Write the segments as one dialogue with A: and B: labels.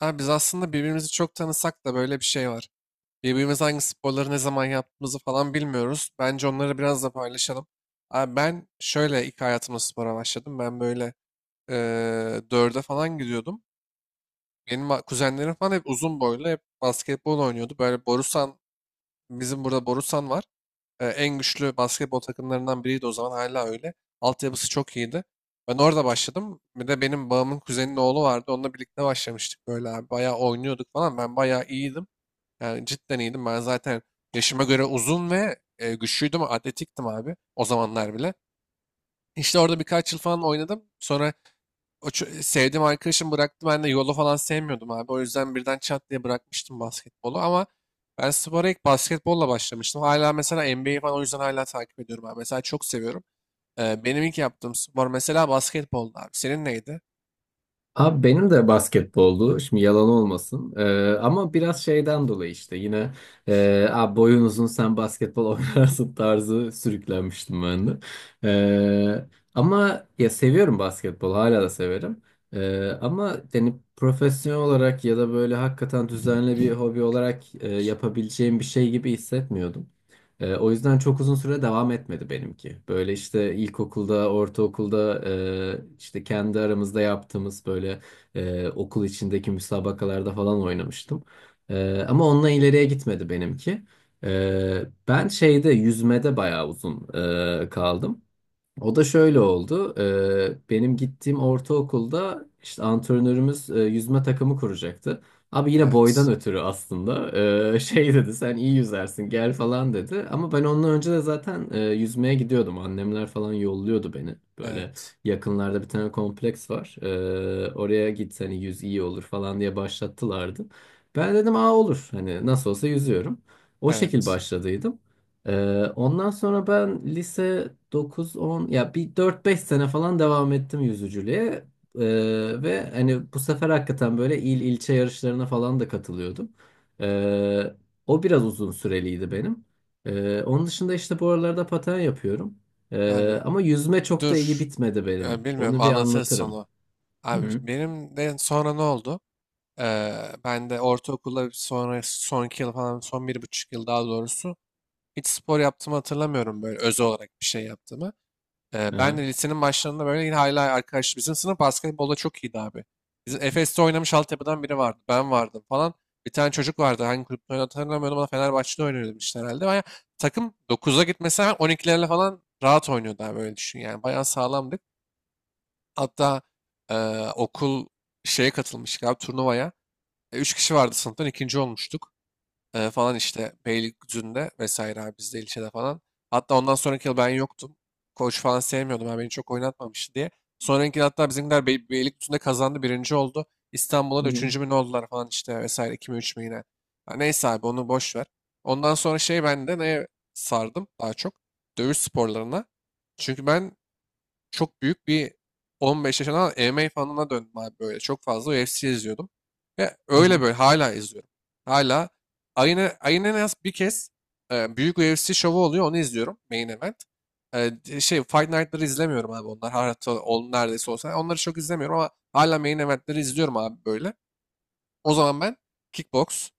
A: Abi biz aslında birbirimizi çok tanısak da böyle bir şey var. Birbirimiz hangi sporları ne zaman yaptığımızı falan bilmiyoruz. Bence onları biraz da paylaşalım. Abi ben şöyle ilk hayatıma spora başladım. Ben böyle dörde falan gidiyordum. Benim kuzenlerim falan hep uzun boylu, hep basketbol oynuyordu. Böyle Borusan, bizim burada Borusan var, en güçlü basketbol takımlarından biriydi o zaman, hala öyle. Altyapısı çok iyiydi. Ben orada başladım. Bir de benim babamın kuzeninin oğlu vardı. Onunla birlikte başlamıştık böyle abi. Bayağı oynuyorduk falan. Ben bayağı iyiydim. Yani cidden iyiydim. Ben zaten yaşıma göre uzun ve güçlüydüm. Atletiktim abi o zamanlar bile. İşte orada birkaç yıl falan oynadım. Sonra o sevdiğim arkadaşım bıraktı. Ben de yolu falan sevmiyordum abi. O yüzden birden çat diye bırakmıştım basketbolu. Ama ben spora ilk basketbolla başlamıştım. Hala mesela NBA'yi falan o yüzden hala takip ediyorum abi. Mesela çok seviyorum. Benim ilk yaptığım spor mesela basketboldu abi. Senin neydi?
B: Abi benim de basketboldu. Şimdi yalan olmasın. Ama biraz şeyden dolayı işte yine abi boyun uzun sen basketbol oynarsın tarzı sürüklenmiştim ben de. Ee, ama ya seviyorum basketbol hala da severim. Ama yani profesyonel olarak ya da böyle hakikaten düzenli bir hobi olarak yapabileceğim bir şey gibi hissetmiyordum. O yüzden çok uzun süre devam etmedi benimki. Böyle işte ilkokulda, ortaokulda işte kendi aramızda yaptığımız böyle okul içindeki müsabakalarda falan oynamıştım. Ama onunla ileriye gitmedi benimki. E, ben şeyde yüzmede bayağı uzun kaldım. O da şöyle oldu. Benim gittiğim ortaokulda işte antrenörümüz yüzme takımı kuracaktı. Abi yine boydan
A: Evet.
B: ötürü aslında. Şey dedi sen iyi yüzersin gel falan dedi. Ama ben ondan önce de zaten yüzmeye gidiyordum. Annemler falan yolluyordu beni. Böyle
A: Evet.
B: yakınlarda bir tane kompleks var. Oraya git hani yüz iyi olur falan diye başlattılardı. Ben dedim aa olur hani nasıl olsa yüzüyorum. O şekil
A: Evet.
B: başladıydım. Ondan sonra ben lise 9-10 ya bir 4-5 sene falan devam ettim yüzücülüğe. Ee, ve hani bu sefer hakikaten böyle il ilçe yarışlarına falan da katılıyordum. Ee, o biraz uzun süreliydi benim. Onun dışında işte bu aralarda paten yapıyorum.
A: Abi
B: Ama yüzme çok da iyi
A: dur.
B: bitmedi benim.
A: Bilmiyorum,
B: Onu bir
A: anlatırsın
B: anlatırım.
A: sonu.
B: Hı
A: Abi
B: hı.
A: benim de sonra ne oldu? Ee, Ben de ortaokulda sonra sonraki yıl falan, son 1,5 yıl daha doğrusu, hiç spor yaptığımı hatırlamıyorum, böyle öz olarak bir şey yaptığımı. Ben de
B: Aha.
A: lisenin başlarında böyle, yine hala arkadaş, bizim sınıf basketbolda çok iyiydi abi. Bizim Efes'te oynamış altyapıdan biri vardı. Ben vardım falan. Bir tane çocuk vardı. Hangi kulüpte oynadığını hatırlamıyorum ama Fenerbahçe'de oynuyordu işte herhalde. Baya takım, 9'a gitmesi hemen 12'lerle falan rahat oynuyordu abi, öyle düşün yani. Bayağı sağlamdık. Hatta e, okul şeye katılmıştık abi, turnuvaya. 3 kişi vardı sınıftan, ikinci olmuştuk. Falan işte Beylikdüzü'nde vesaire abi, bizde ilçede falan. Hatta ondan sonraki yıl ben yoktum. Koç falan sevmiyordum, abi beni çok oynatmamıştı diye. Sonraki yıl hatta bizimkiler Beylikdüzü'nde kazandı. Birinci oldu. İstanbul'a da
B: Hı hı.
A: üçüncü mü ne oldular falan işte vesaire. İki mi üç mü yine. Ha, neyse abi, onu boş ver. Ondan sonra şey, ben de neye sardım daha çok? Dövüş sporlarına. Çünkü ben çok büyük bir 15 yaşından MMA fanına döndüm abi böyle. Çok fazla UFC izliyordum. Ve öyle böyle hala izliyorum. Hala ayın en az bir kez büyük UFC şovu oluyor, onu izliyorum. Main event. Fight Night'ları izlemiyorum abi, onlar. Hatta on neredeyse olsa. Onları çok izlemiyorum ama hala main event'leri izliyorum abi böyle. O zaman ben kickbox,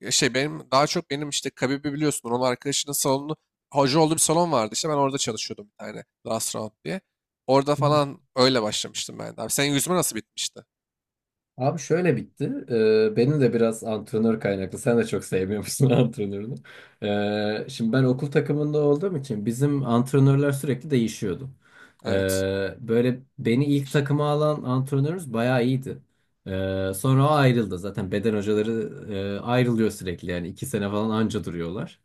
A: benim daha çok, benim işte Khabib'i biliyorsun. Onun arkadaşının salonu, hoca olduğu bir salon vardı işte, ben orada çalışıyordum, bir tane Last Round diye. Orada
B: Hı hı.
A: falan öyle başlamıştım ben de. Abi senin yüzme nasıl bitmişti?
B: Abi şöyle bitti. Benim de biraz antrenör kaynaklı. Sen de çok sevmiyormuşsun antrenörünü. Şimdi ben okul takımında olduğum için bizim antrenörler sürekli değişiyordu.
A: Evet.
B: Ee, böyle beni ilk takıma alan antrenörümüz bayağı iyiydi. Sonra o ayrıldı. Zaten beden hocaları ayrılıyor sürekli. Yani iki sene falan anca duruyorlar.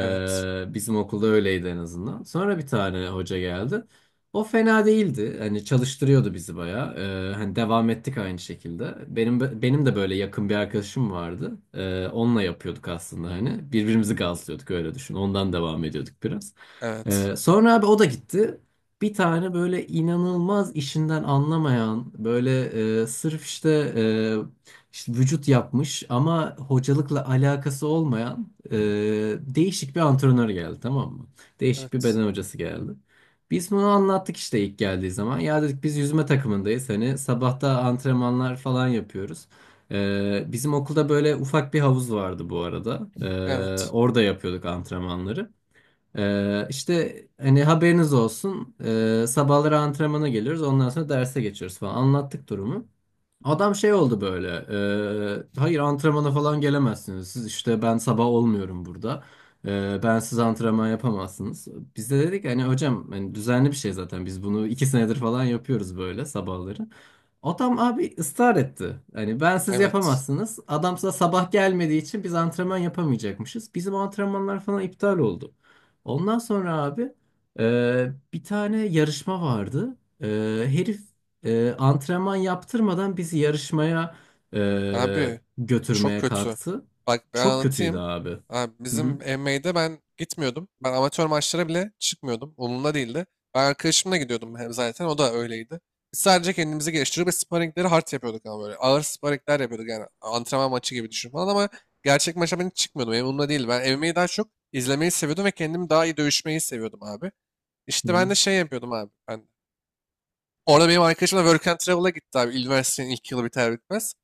A: Evet.
B: bizim okulda öyleydi en azından. Sonra bir tane hoca geldi. O fena değildi. Hani çalıştırıyordu bizi bayağı. Hani devam ettik aynı şekilde. Benim de böyle yakın bir arkadaşım vardı. Onunla yapıyorduk aslında hani. Birbirimizi gazlıyorduk öyle düşün. Ondan devam ediyorduk biraz.
A: Evet.
B: Sonra abi o da gitti. Bir tane böyle inanılmaz işinden anlamayan böyle sırf işte, işte vücut yapmış ama hocalıkla alakası olmayan değişik bir antrenör geldi, tamam mı? Değişik bir
A: Evet.
B: beden hocası geldi. Biz bunu anlattık işte ilk geldiği zaman. Ya dedik biz yüzme takımındayız. Hani sabahta antrenmanlar falan yapıyoruz. Bizim okulda böyle ufak bir havuz vardı bu arada. Ee,
A: Evet.
B: orada yapıyorduk antrenmanları. İşte hani haberiniz olsun. Sabahları antrenmana geliyoruz. Ondan sonra derse geçiyoruz falan. Anlattık durumu. Adam şey oldu böyle. Hayır antrenmana falan gelemezsiniz. Siz işte ben sabah olmuyorum burada. Ben siz antrenman yapamazsınız. Biz de dedik hani hocam hani düzenli bir şey zaten. Biz bunu iki senedir falan yapıyoruz böyle sabahları. Adam abi ısrar etti. Hani ben siz
A: Evet.
B: yapamazsınız. Adam size sabah gelmediği için biz antrenman yapamayacakmışız. Bizim antrenmanlar falan iptal oldu. Ondan sonra abi bir tane yarışma vardı. E, herif antrenman yaptırmadan bizi yarışmaya
A: Abi çok
B: götürmeye
A: kötü.
B: kalktı.
A: Bak ben
B: Çok kötüydü
A: anlatayım.
B: abi.
A: Abi
B: Hı
A: bizim
B: hı,
A: MMA'de ben gitmiyordum. Ben amatör maçlara bile çıkmıyordum. Umurumda değildi. Ben arkadaşımla gidiyordum hem zaten. O da öyleydi. Biz sadece kendimizi geliştirip ve sparringleri hard yapıyorduk ama böyle. Ağır sparringler yapıyorduk yani. Antrenman maçı gibi düşün falan ama gerçek maça ben hiç çıkmıyordum. Benim umurumda değil. Ben MMA'yi daha çok izlemeyi seviyordum ve kendimi daha iyi dövüşmeyi seviyordum abi.
B: hı
A: İşte ben
B: hı,
A: de şey yapıyordum abi. Ben orada, benim arkadaşım da Work and Travel'a gitti abi. Üniversitenin ilk yılı biter bitmez.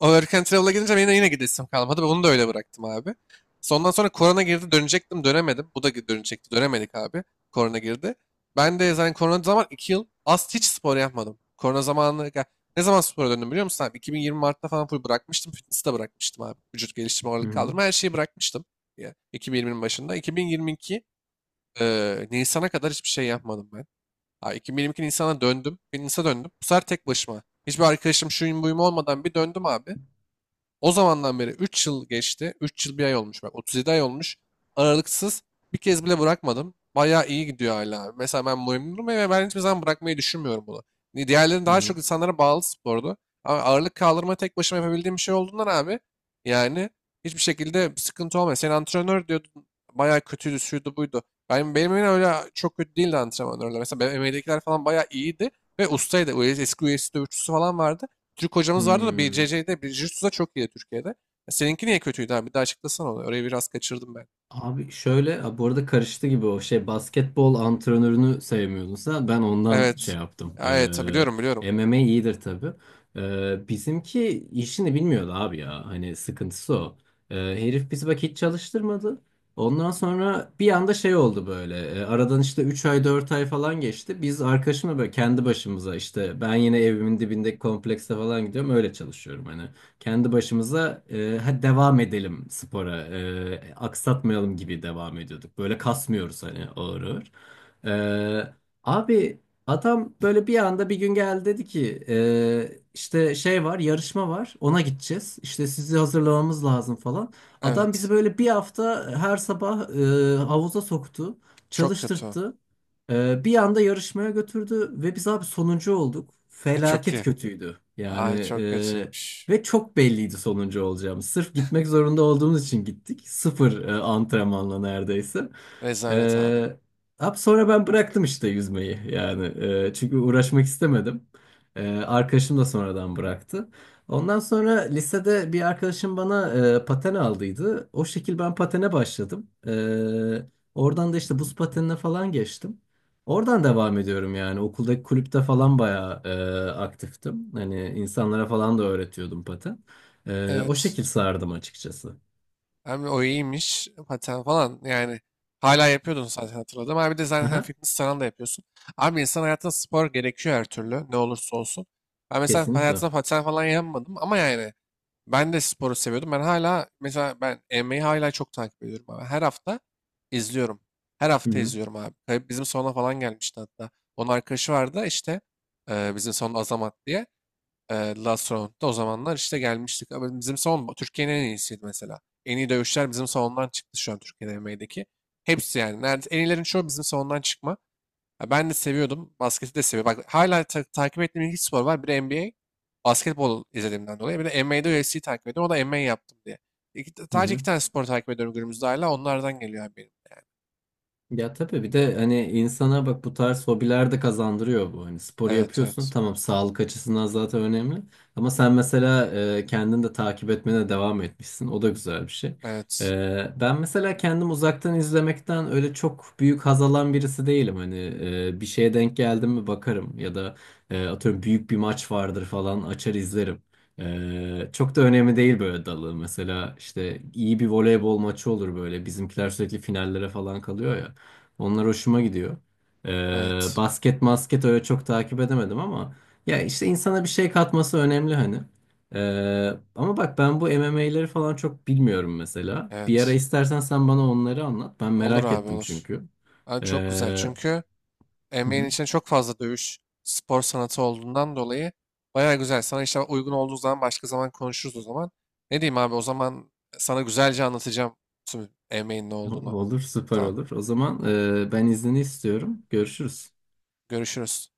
A: O Work and Travel'a gidince benim de yine gidesim kalmadı. Onu da öyle bıraktım abi. Sondan sonra korona girdi, dönecektim dönemedim. Bu da dönecekti, dönemedik abi. Korona girdi. Ben de zaten korona zaman 2 yıl az hiç spor yapmadım. Korona zamanı ya, ne zaman spora döndüm biliyor musun abi? 2020 Mart'ta falan full bırakmıştım. Fitness'i de bırakmıştım abi. Vücut geliştirme, ağırlık
B: hı
A: kaldırma, her şeyi bırakmıştım. Ya, 2020'nin başında. 2022 Nisan'a kadar hiçbir şey yapmadım ben. Ha, 2022 Nisan'a döndüm. Bir Nisan'a döndüm. Bu sefer tek başıma. Hiçbir arkadaşım, şuyum buyum olmadan bir döndüm abi. O zamandan beri 3 yıl geçti. 3 yıl 1 ay olmuş. Bak 37 ay olmuş. Aralıksız bir kez bile bırakmadım. Bayağı iyi gidiyor hala. Mesela ben memnunum ve ben hiçbir zaman bırakmayı düşünmüyorum bunu. Diğerleri daha
B: hı,
A: çok insanlara bağlı spordu. Ama ağırlık kaldırma tek başıma yapabildiğim bir şey olduğundan abi, yani hiçbir şekilde sıkıntı olmuyor. Sen antrenör diyordun bayağı kötüydü, şuydu buydu. Benim yine öyle çok kötü değildi antrenörler. Mesela benim MMA'dekiler falan bayağı iyiydi ve ustaydı. Eski UFC dövüşçüsü falan vardı. Türk hocamız vardı da
B: hı.
A: BCC'de, bir Jiu-Jitsu'da çok iyi Türkiye'de. Ya, seninki niye kötüydü abi? Bir daha açıklasana onu. Orayı biraz kaçırdım ben.
B: Abi şöyle, a, bu arada karıştı gibi o şey, basketbol antrenörünü sevmiyordun sen, ben ondan şey
A: Evet.
B: yaptım.
A: Ya, evet, ha, biliyorum, biliyorum.
B: MMA iyidir tabii. Bizimki işini bilmiyordu abi ya, hani sıkıntısı o. Herif bizi bak hiç çalıştırmadı. Ondan sonra bir anda şey oldu böyle. Aradan işte 3 ay 4 ay falan geçti. Biz arkadaşımla böyle kendi başımıza işte, ben yine evimin dibindeki komplekse falan gidiyorum, öyle çalışıyorum hani, kendi başımıza hadi devam edelim spora, aksatmayalım gibi devam ediyorduk. Böyle kasmıyoruz hani, ağır ağır. E, abi adam böyle bir anda bir gün geldi, dedi ki işte şey var, yarışma var, ona gideceğiz. İşte sizi hazırlamamız lazım falan. Adam bizi
A: Evet.
B: böyle bir hafta her sabah havuza soktu,
A: Çok kötü.
B: çalıştırttı. Bir anda yarışmaya götürdü ve biz abi sonuncu olduk.
A: Çok
B: Felaket
A: iyi.
B: kötüydü. Yani
A: Abi çok kötüymüş.
B: ve çok belliydi sonuncu olacağımız. Sırf gitmek zorunda olduğumuz için gittik. Sıfır antrenmanla neredeyse.
A: Rezalet abi.
B: E, ab sonra ben bıraktım işte yüzmeyi yani. Çünkü uğraşmak istemedim. Arkadaşım da sonradan bıraktı. Ondan sonra lisede bir arkadaşım bana paten aldıydı. O şekil ben patene başladım. Oradan da işte buz patenine falan geçtim. Oradan devam ediyorum yani. Okuldaki kulüpte falan bayağı aktiftim. Hani insanlara falan da öğretiyordum paten. O
A: Evet.
B: şekil sardım açıkçası.
A: Hem o iyiymiş. Paten falan yani. Hala yapıyordun zaten, hatırladım. Abi bir de zaten
B: Aha,
A: fitness falan da yapıyorsun. Abi insan hayatında spor gerekiyor her türlü. Ne olursa olsun. Ben mesela
B: kesinlikle.
A: hayatımda paten falan yapmadım ama yani, ben de sporu seviyordum. Ben hala mesela, ben MMA'yi hala çok takip ediyorum abi. Her hafta izliyorum. Her
B: Hı
A: hafta
B: hı.
A: izliyorum abi. Tabii, bizim salona falan gelmişti hatta. Onun arkadaşı vardı işte, bizim salon, Azamat diye. E, Last Round'da o zamanlar işte gelmiştik. Abi bizim salon Türkiye'nin en iyisiydi mesela. En iyi dövüşler bizim salondan çıktı şu an Türkiye'de MMA'deki. Hepsi yani. Nerede, en iyilerin çoğu bizim salondan çıkma. Ya ben de seviyordum. Basketi de seviyorum. Bak hala takip ettiğim iki spor var. Biri NBA. Basketbol izlediğimden dolayı. Bir de NBA'de UFC'yi takip ediyorum. O da MMA yaptım diye. İki,
B: Hı
A: sadece iki
B: hı.
A: tane spor takip ediyorum günümüzde hala. Onlardan geliyor abi benim.
B: Ya tabii, bir de hani insana bak, bu tarz hobiler de kazandırıyor bu. Hani spor
A: Evet,
B: yapıyorsun,
A: evet.
B: tamam, sağlık açısından zaten önemli. Ama sen mesela kendini de takip etmene devam etmişsin. O da güzel bir şey.
A: Evet.
B: Ben mesela kendim uzaktan izlemekten öyle çok büyük haz alan birisi değilim. Hani bir şeye denk geldim mi bakarım, ya da atıyorum büyük bir maç vardır falan, açar izlerim. Çok da önemli değil böyle dalı. Mesela işte iyi bir voleybol maçı olur böyle. Bizimkiler sürekli finallere falan kalıyor ya. Onlar hoşuma gidiyor. Ee,
A: Evet.
B: basket masket öyle çok takip edemedim ama ya işte, insana bir şey katması önemli hani. Ama bak ben bu MMA'leri falan çok bilmiyorum mesela. Bir ara
A: Evet.
B: istersen sen bana onları anlat. Ben
A: Olur
B: merak
A: abi
B: ettim
A: olur.
B: çünkü.
A: Yani çok güzel.
B: Ee,
A: Çünkü
B: hı
A: NBA'nin
B: hı.
A: içinde çok fazla dövüş spor sanatı olduğundan dolayı baya güzel. Sana işte uygun olduğu zaman başka zaman konuşuruz o zaman. Ne diyeyim abi o zaman, sana güzelce anlatacağım tüm NBA'nin ne olduğunu.
B: Olur, süper
A: Tamam.
B: olur. O zaman ben iznini istiyorum. Görüşürüz.
A: Görüşürüz.